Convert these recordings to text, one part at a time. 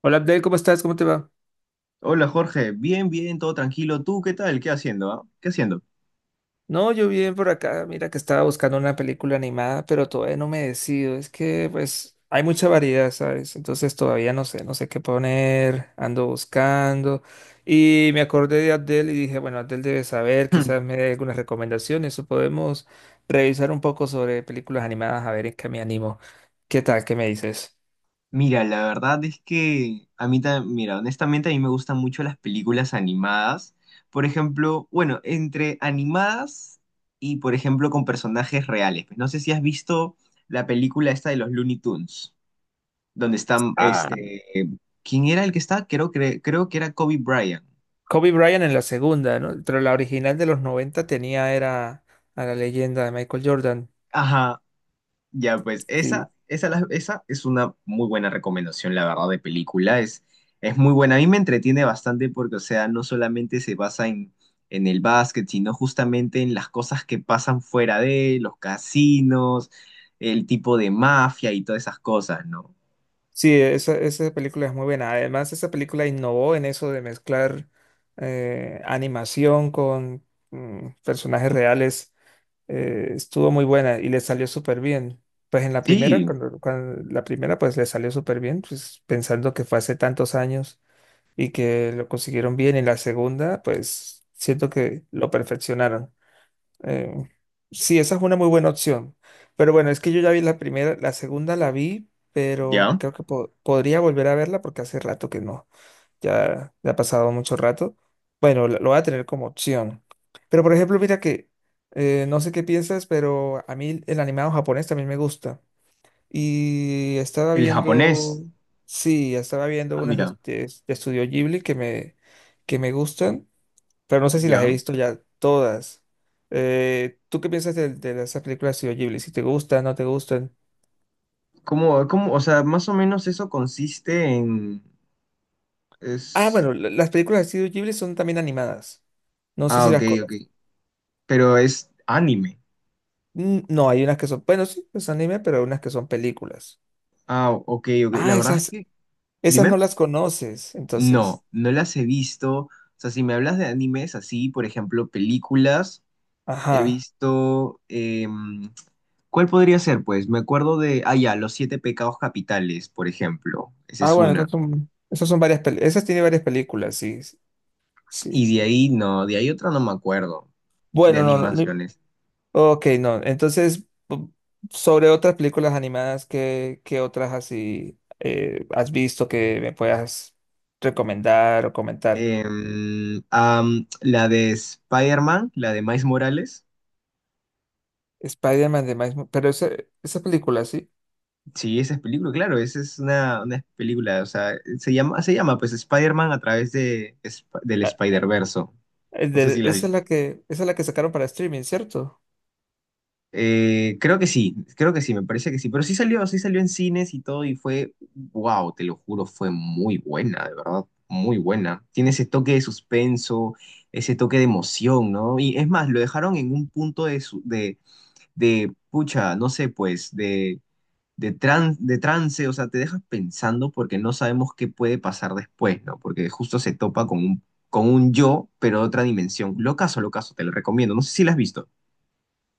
Hola Abdel, ¿cómo estás? ¿Cómo te va? Hola Jorge, bien, bien, todo tranquilo. ¿Tú qué tal? ¿Qué haciendo? ¿Ah? ¿Qué haciendo? No, yo bien por acá. Mira que estaba buscando una película animada, pero todavía no me decido. Es que, pues, hay mucha variedad, ¿sabes? Entonces todavía no sé qué poner. Ando buscando. Y me acordé de Abdel y dije, bueno, Abdel debe saber, quizás me dé algunas recomendaciones o podemos revisar un poco sobre películas animadas a ver en qué me animo. ¿Qué tal? ¿Qué me dices? Mira, la verdad es que a mí también, mira, honestamente a mí me gustan mucho las películas animadas. Por ejemplo, bueno, entre animadas y por ejemplo con personajes reales. No sé si has visto la película esta de los Looney Tunes, donde están, Ah, ¿quién era el que está? Creo que era Kobe Bryant. Kobe Bryant en la segunda, ¿no? Pero la original de los 90 tenía era a la leyenda de Michael Jordan. Ajá. Ya, pues esa, Sí, esa, la- esa es una muy buena recomendación, la verdad, de película. Es muy buena. A mí me entretiene bastante porque, o sea, no solamente se basa en el básquet, sino justamente en las cosas que pasan fuera de los casinos, el tipo de mafia y todas esas cosas, ¿no? sí, esa película es muy buena. Además, esa película innovó en eso de mezclar animación con personajes reales. Estuvo muy buena y le salió súper bien. Pues en la primera, Sí, la primera, pues le salió súper bien, pues pensando que fue hace tantos años y que lo consiguieron bien. En la segunda, pues siento que lo perfeccionaron. Eh, sí, esa es una muy buena opción. Pero bueno, es que yo ya vi la primera, la segunda la vi, pero ya. creo que podría volver a verla porque hace rato que no. Ya, ya ha pasado mucho rato. Bueno, lo voy a tener como opción. Pero por ejemplo, mira que no sé qué piensas, pero a mí el animado japonés también me gusta. Y El japonés. Sí, estaba viendo Ah, unas mira, este, de Estudio Ghibli que me gustan pero no sé si las he ya. visto ya todas. ¿Tú qué piensas de esas películas de Studio Ghibli? Si te gustan, no te gustan. ¿Cómo, o sea, más o menos eso consiste en... Ah, Es... bueno, las películas de Studio Ghibli son también animadas. No sé Ah, si ok, las ok. conoces. Pero es anime. No, hay unas que son, bueno, sí, es anime, pero hay unas que son películas. Ah, ok, ok. La Ah, verdad es que, esas dime, no las conoces, entonces. no, no las he visto. O sea, si me hablas de animes así, por ejemplo, películas, he Ajá. visto... em, ¿cuál podría ser? Pues me acuerdo de, ah, ya, Los Siete Pecados Capitales, por ejemplo. Esa Ah, es bueno, una. Esas son varias, esas tiene varias películas, sí, sí. Y de ahí, no, de ahí otra no me acuerdo, de Bueno, no, no. animaciones. Ok, no. Entonces, sobre otras películas animadas, ¿qué otras así has visto que me puedas recomendar o comentar? La de Spider-Man, la de Miles Morales. Spider-Man de pero esa película, sí. Sí, esa es película, claro, esa es una película, o sea, se llama pues Spider-Man a través del Ah, Spider-Verso. No sé si la esa vi. es la que, esa es la que sacaron para streaming, ¿cierto? Creo que sí, creo que sí, me parece que sí, pero sí salió en cines y todo y fue, wow, te lo juro, fue muy buena, de verdad, muy buena. Tiene ese toque de suspenso, ese toque de emoción, ¿no? Y es más, lo dejaron en un punto de pucha, no sé, pues, de trance, o sea, te dejas pensando porque no sabemos qué puede pasar después, ¿no? Porque justo se topa con un yo, pero de otra dimensión. Locazo, locazo, te lo recomiendo. No sé si la has visto.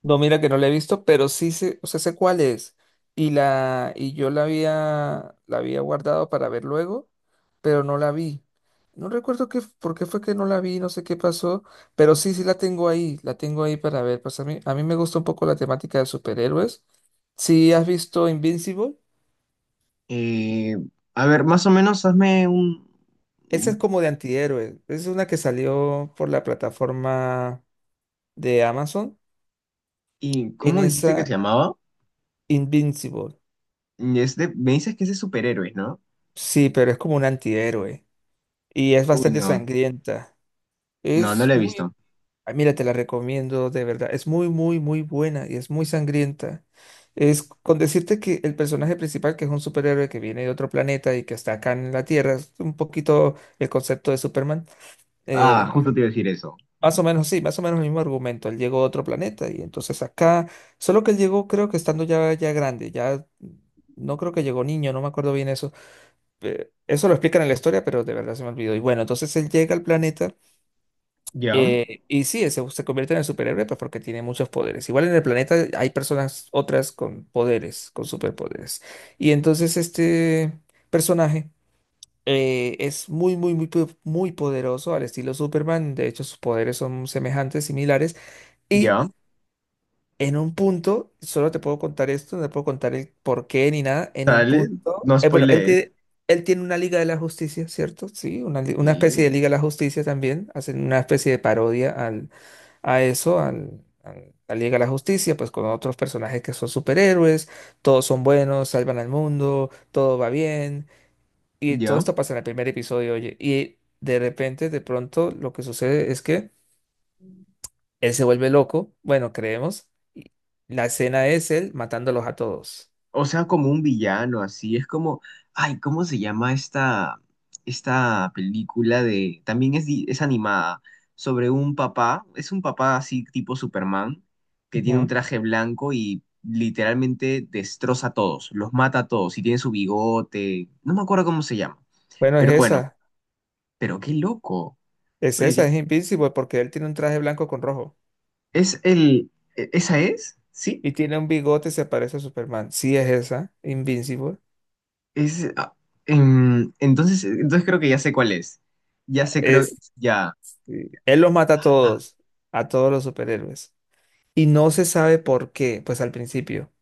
No, mira que no la he visto, pero sí sé, o sea, sé cuál es. Y y yo la había guardado para ver luego, pero no la vi. No recuerdo por qué fue que no la vi, no sé qué pasó, pero sí, sí la tengo ahí para ver. Pues a mí me gusta un poco la temática de superhéroes. Sí, has visto Invincible, Eh, a ver, más o menos hazme un... esa es un- como de antihéroes. Es una que salió por la plataforma de Amazon. ¿Y En cómo dijiste que se esa, llamaba? Invincible. Me dices que es de superhéroes, ¿no? Sí, pero es como un antihéroe. Y es Uy, bastante no, sangrienta. no, no Es lo he muy, visto. ah, mira, te la recomiendo de verdad. Es muy, muy, muy buena y es muy sangrienta. Es con decirte que el personaje principal, que es un superhéroe que viene de otro planeta y que está acá en la Tierra, es un poquito el concepto de Superman. Ah, eh, más o justo te iba a decir eso. más o menos, sí, más o menos el mismo argumento. Él llegó a otro planeta y entonces acá, solo que él llegó, creo que estando ya, ya grande, ya no creo que llegó niño, no me acuerdo bien eso. Eso lo explican en la historia, pero de verdad se me olvidó. Y bueno, entonces él llega al planeta. Ya, Y sí, se convierte en el superhéroe pues, porque tiene muchos poderes. Igual en el planeta hay personas otras con poderes, con superpoderes. Y entonces este personaje es muy, muy, muy, muy poderoso al estilo Superman. De hecho, sus poderes son semejantes, similares. Y ya, en un punto, solo te puedo contar esto, no te puedo contar el por qué ni nada. En un dale, punto, no bueno, spoilees. Él tiene una Liga de la Justicia, ¿cierto? Sí, una especie Y de Liga de la Justicia también. Hacen una especie de parodia a eso, a la Liga de la Justicia, pues con otros personajes que son superhéroes, todos son buenos, salvan al mundo, todo va bien. Y todo ya. esto pasa en el primer episodio, oye. Y de repente, de pronto, lo que sucede es que él se vuelve loco, bueno, creemos. Y la escena es él matándolos a todos. O sea, como un villano, así. Es como, ay, ¿cómo se llama esta película de... También es animada, sobre un papá, es un papá así tipo Superman, que tiene un Ujú. traje blanco y literalmente destroza a todos, los mata a todos, y tiene su bigote, no me acuerdo cómo se llama, Bueno, pero bueno, pero qué loco. es Oye, esa, es Invincible porque él tiene un traje blanco con rojo ¿es el... ¿Esa es? ¿Sí? y tiene un bigote y se parece a Superman. Sí, es esa, Invincible. Es... entonces creo que ya sé cuál es. Ya sé, creo, Es, ya. sí, él los mata Ah. A todos los superhéroes. Y no se sabe por qué, pues al principio.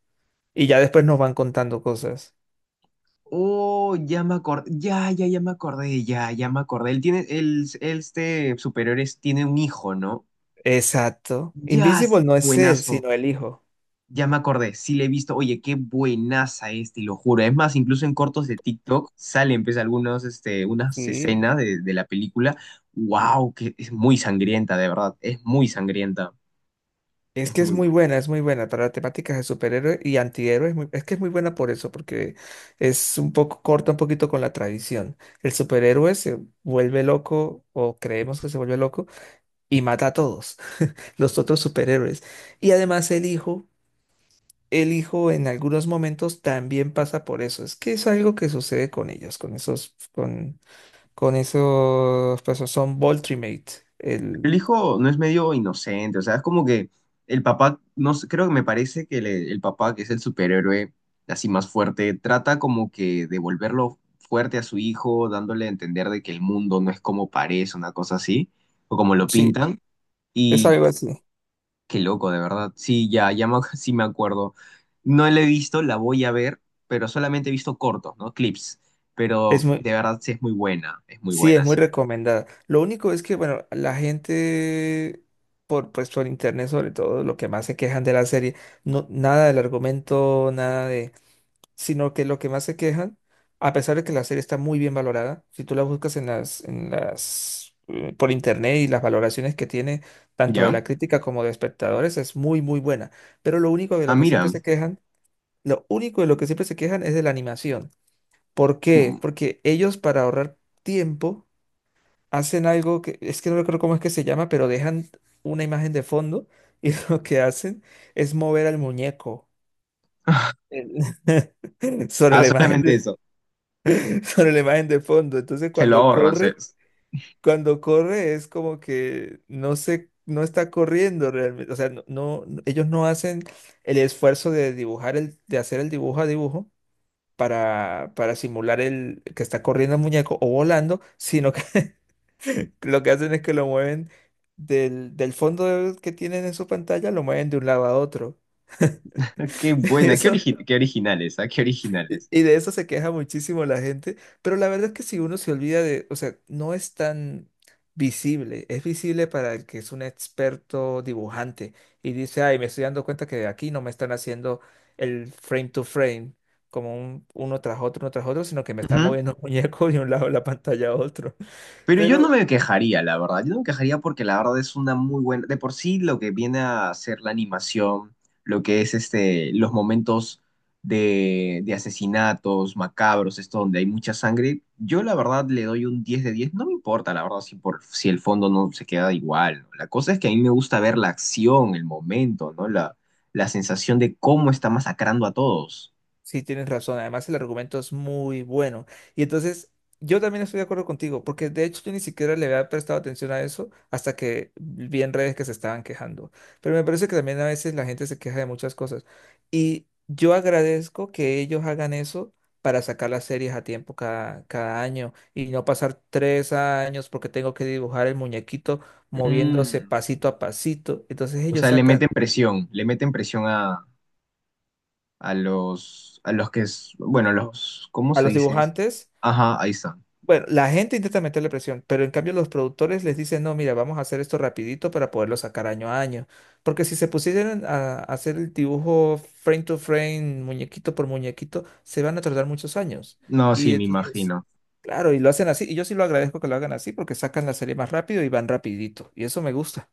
Y ya después nos van contando cosas. Oh, ya me acordé, ya, ya, ya me acordé, ya, ya me acordé. Él tiene, él, este superior es- tiene un hijo, ¿no? Exacto. Ya, sí, Invincible no es él, buenazo. sino el hijo. Ya me acordé, sí le he visto. Oye, qué buenaza es, te lo juro. Es más, incluso en cortos de TikTok salen, pues, algunos, unas Sí, escenas de la película. Wow, que es muy sangrienta, de verdad. Es muy sangrienta. es Es que muy buena. Es muy buena para temáticas de superhéroes y antihéroes. Es que es muy buena por eso, porque es un poco corta un poquito con la tradición. El superhéroe se vuelve loco, o creemos que se vuelve loco, y mata a todos los otros superhéroes. Y además el hijo en algunos momentos también pasa por eso. Es que es algo que sucede con ellos, con esos, pues son Voltrimate. El El, hijo no es medio inocente, o sea, es como que el papá, no sé, creo que me parece que el papá, que es el superhéroe así más fuerte, trata como que de volverlo fuerte a su hijo, dándole a entender de que el mundo no es como parece, una cosa así, o como lo sí, pintan. es Y algo así. qué loco, de verdad. Sí, ya, sí me acuerdo. No la he visto, la voy a ver, pero solamente he visto cortos, ¿no? Clips. Es Pero muy de verdad sí es muy Sí, es buena, muy sí. recomendada. Lo único es que, bueno, la gente, pues por internet sobre todo, lo que más se quejan de la serie, no, nada del argumento, nada de, sino que lo que más se quejan, a pesar de que la serie está muy bien valorada, si tú la buscas por internet y las valoraciones que tiene, tanto de ¿Ya? la crítica como de espectadores, es muy, muy buena. Pero lo único de Ah, lo que siempre mira. se quejan, lo único de lo que siempre se quejan es de la animación. ¿Por qué? Mm. Porque ellos para ahorrar tiempo hacen algo que es que no recuerdo cómo es que se llama, pero dejan una imagen de fondo y lo que hacen es mover al muñeco sobre Ah, la imagen solamente de, eso. sobre la imagen de fondo. Se lo ahorran. Cuando corre es como que no está corriendo realmente, o sea, ellos no hacen el esfuerzo de dibujar el de hacer el dibujo a dibujo. Para simular el que está corriendo el muñeco o volando, sino que lo que hacen es que lo mueven del fondo que tienen en su pantalla, lo mueven de un lado a otro. Qué Y buena, qué, eso, origi- qué originales, ¿ah? Qué originales. y de eso se queja muchísimo la gente. Pero la verdad es que si uno se olvida de, o sea, no es tan visible. Es visible para el que es un experto dibujante y dice, ay, me estoy dando cuenta que aquí no me están haciendo el frame to frame, uno tras otro, sino que me están Ujú. moviendo un muñeco de un lado de la pantalla a otro. Pero yo no Pero me quejaría, la verdad. Yo no me quejaría porque la verdad es una muy buena. De por sí, lo que viene a ser la animación, lo que es los momentos de asesinatos macabros, esto donde hay mucha sangre, yo la verdad le doy un 10 de 10. No me importa, la verdad, si el fondo no se queda igual, ¿no? La cosa es que a mí me gusta ver la acción, el momento, ¿no? La sensación de cómo está masacrando a todos. sí, tienes razón. Además, el argumento es muy bueno. Y entonces, yo también estoy de acuerdo contigo, porque de hecho yo ni siquiera le había prestado atención a eso hasta que vi en redes que se estaban quejando. Pero me parece que también a veces la gente se queja de muchas cosas. Y yo agradezco que ellos hagan eso para sacar las series a tiempo cada año y no pasar 3 años porque tengo que dibujar el muñequito moviéndose Mm, pasito a pasito. Entonces o ellos sea, sacan le meten presión a los que es, bueno, los, ¿cómo a se los dice? ¿Eso? dibujantes. Ajá, ahí está. Bueno, la gente intenta meterle presión, pero en cambio los productores les dicen, no, mira, vamos a hacer esto rapidito para poderlo sacar año a año. Porque si se pusieran a hacer el dibujo frame to frame, muñequito por muñequito, se van a tardar muchos años. No, sí, Y me entonces, imagino. claro, y lo hacen así. Y yo sí lo agradezco que lo hagan así porque sacan la serie más rápido y van rapidito. Y eso me gusta.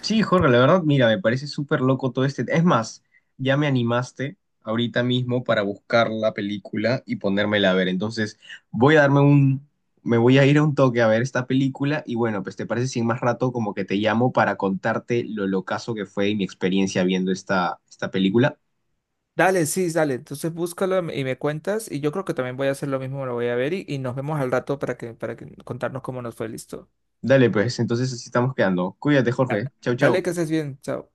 Sí, Jorge, la verdad, mira, me parece súper loco todo este. Es más, ya me animaste ahorita mismo para buscar la película y ponérmela a ver. Entonces, voy a darme un, me voy a ir a un toque a ver esta película y bueno, pues te parece si en más rato como que te llamo para contarte lo locazo que fue y mi experiencia viendo esta película. Dale, sí, dale. Entonces búscalo y me cuentas. Y yo creo que también voy a hacer lo mismo, lo voy a ver y nos vemos al rato para que contarnos cómo nos fue listo. Dale, pues, entonces así estamos quedando. Cuídate, Da- Jorge. Chau, Dale, chau. que estés bien. Chao.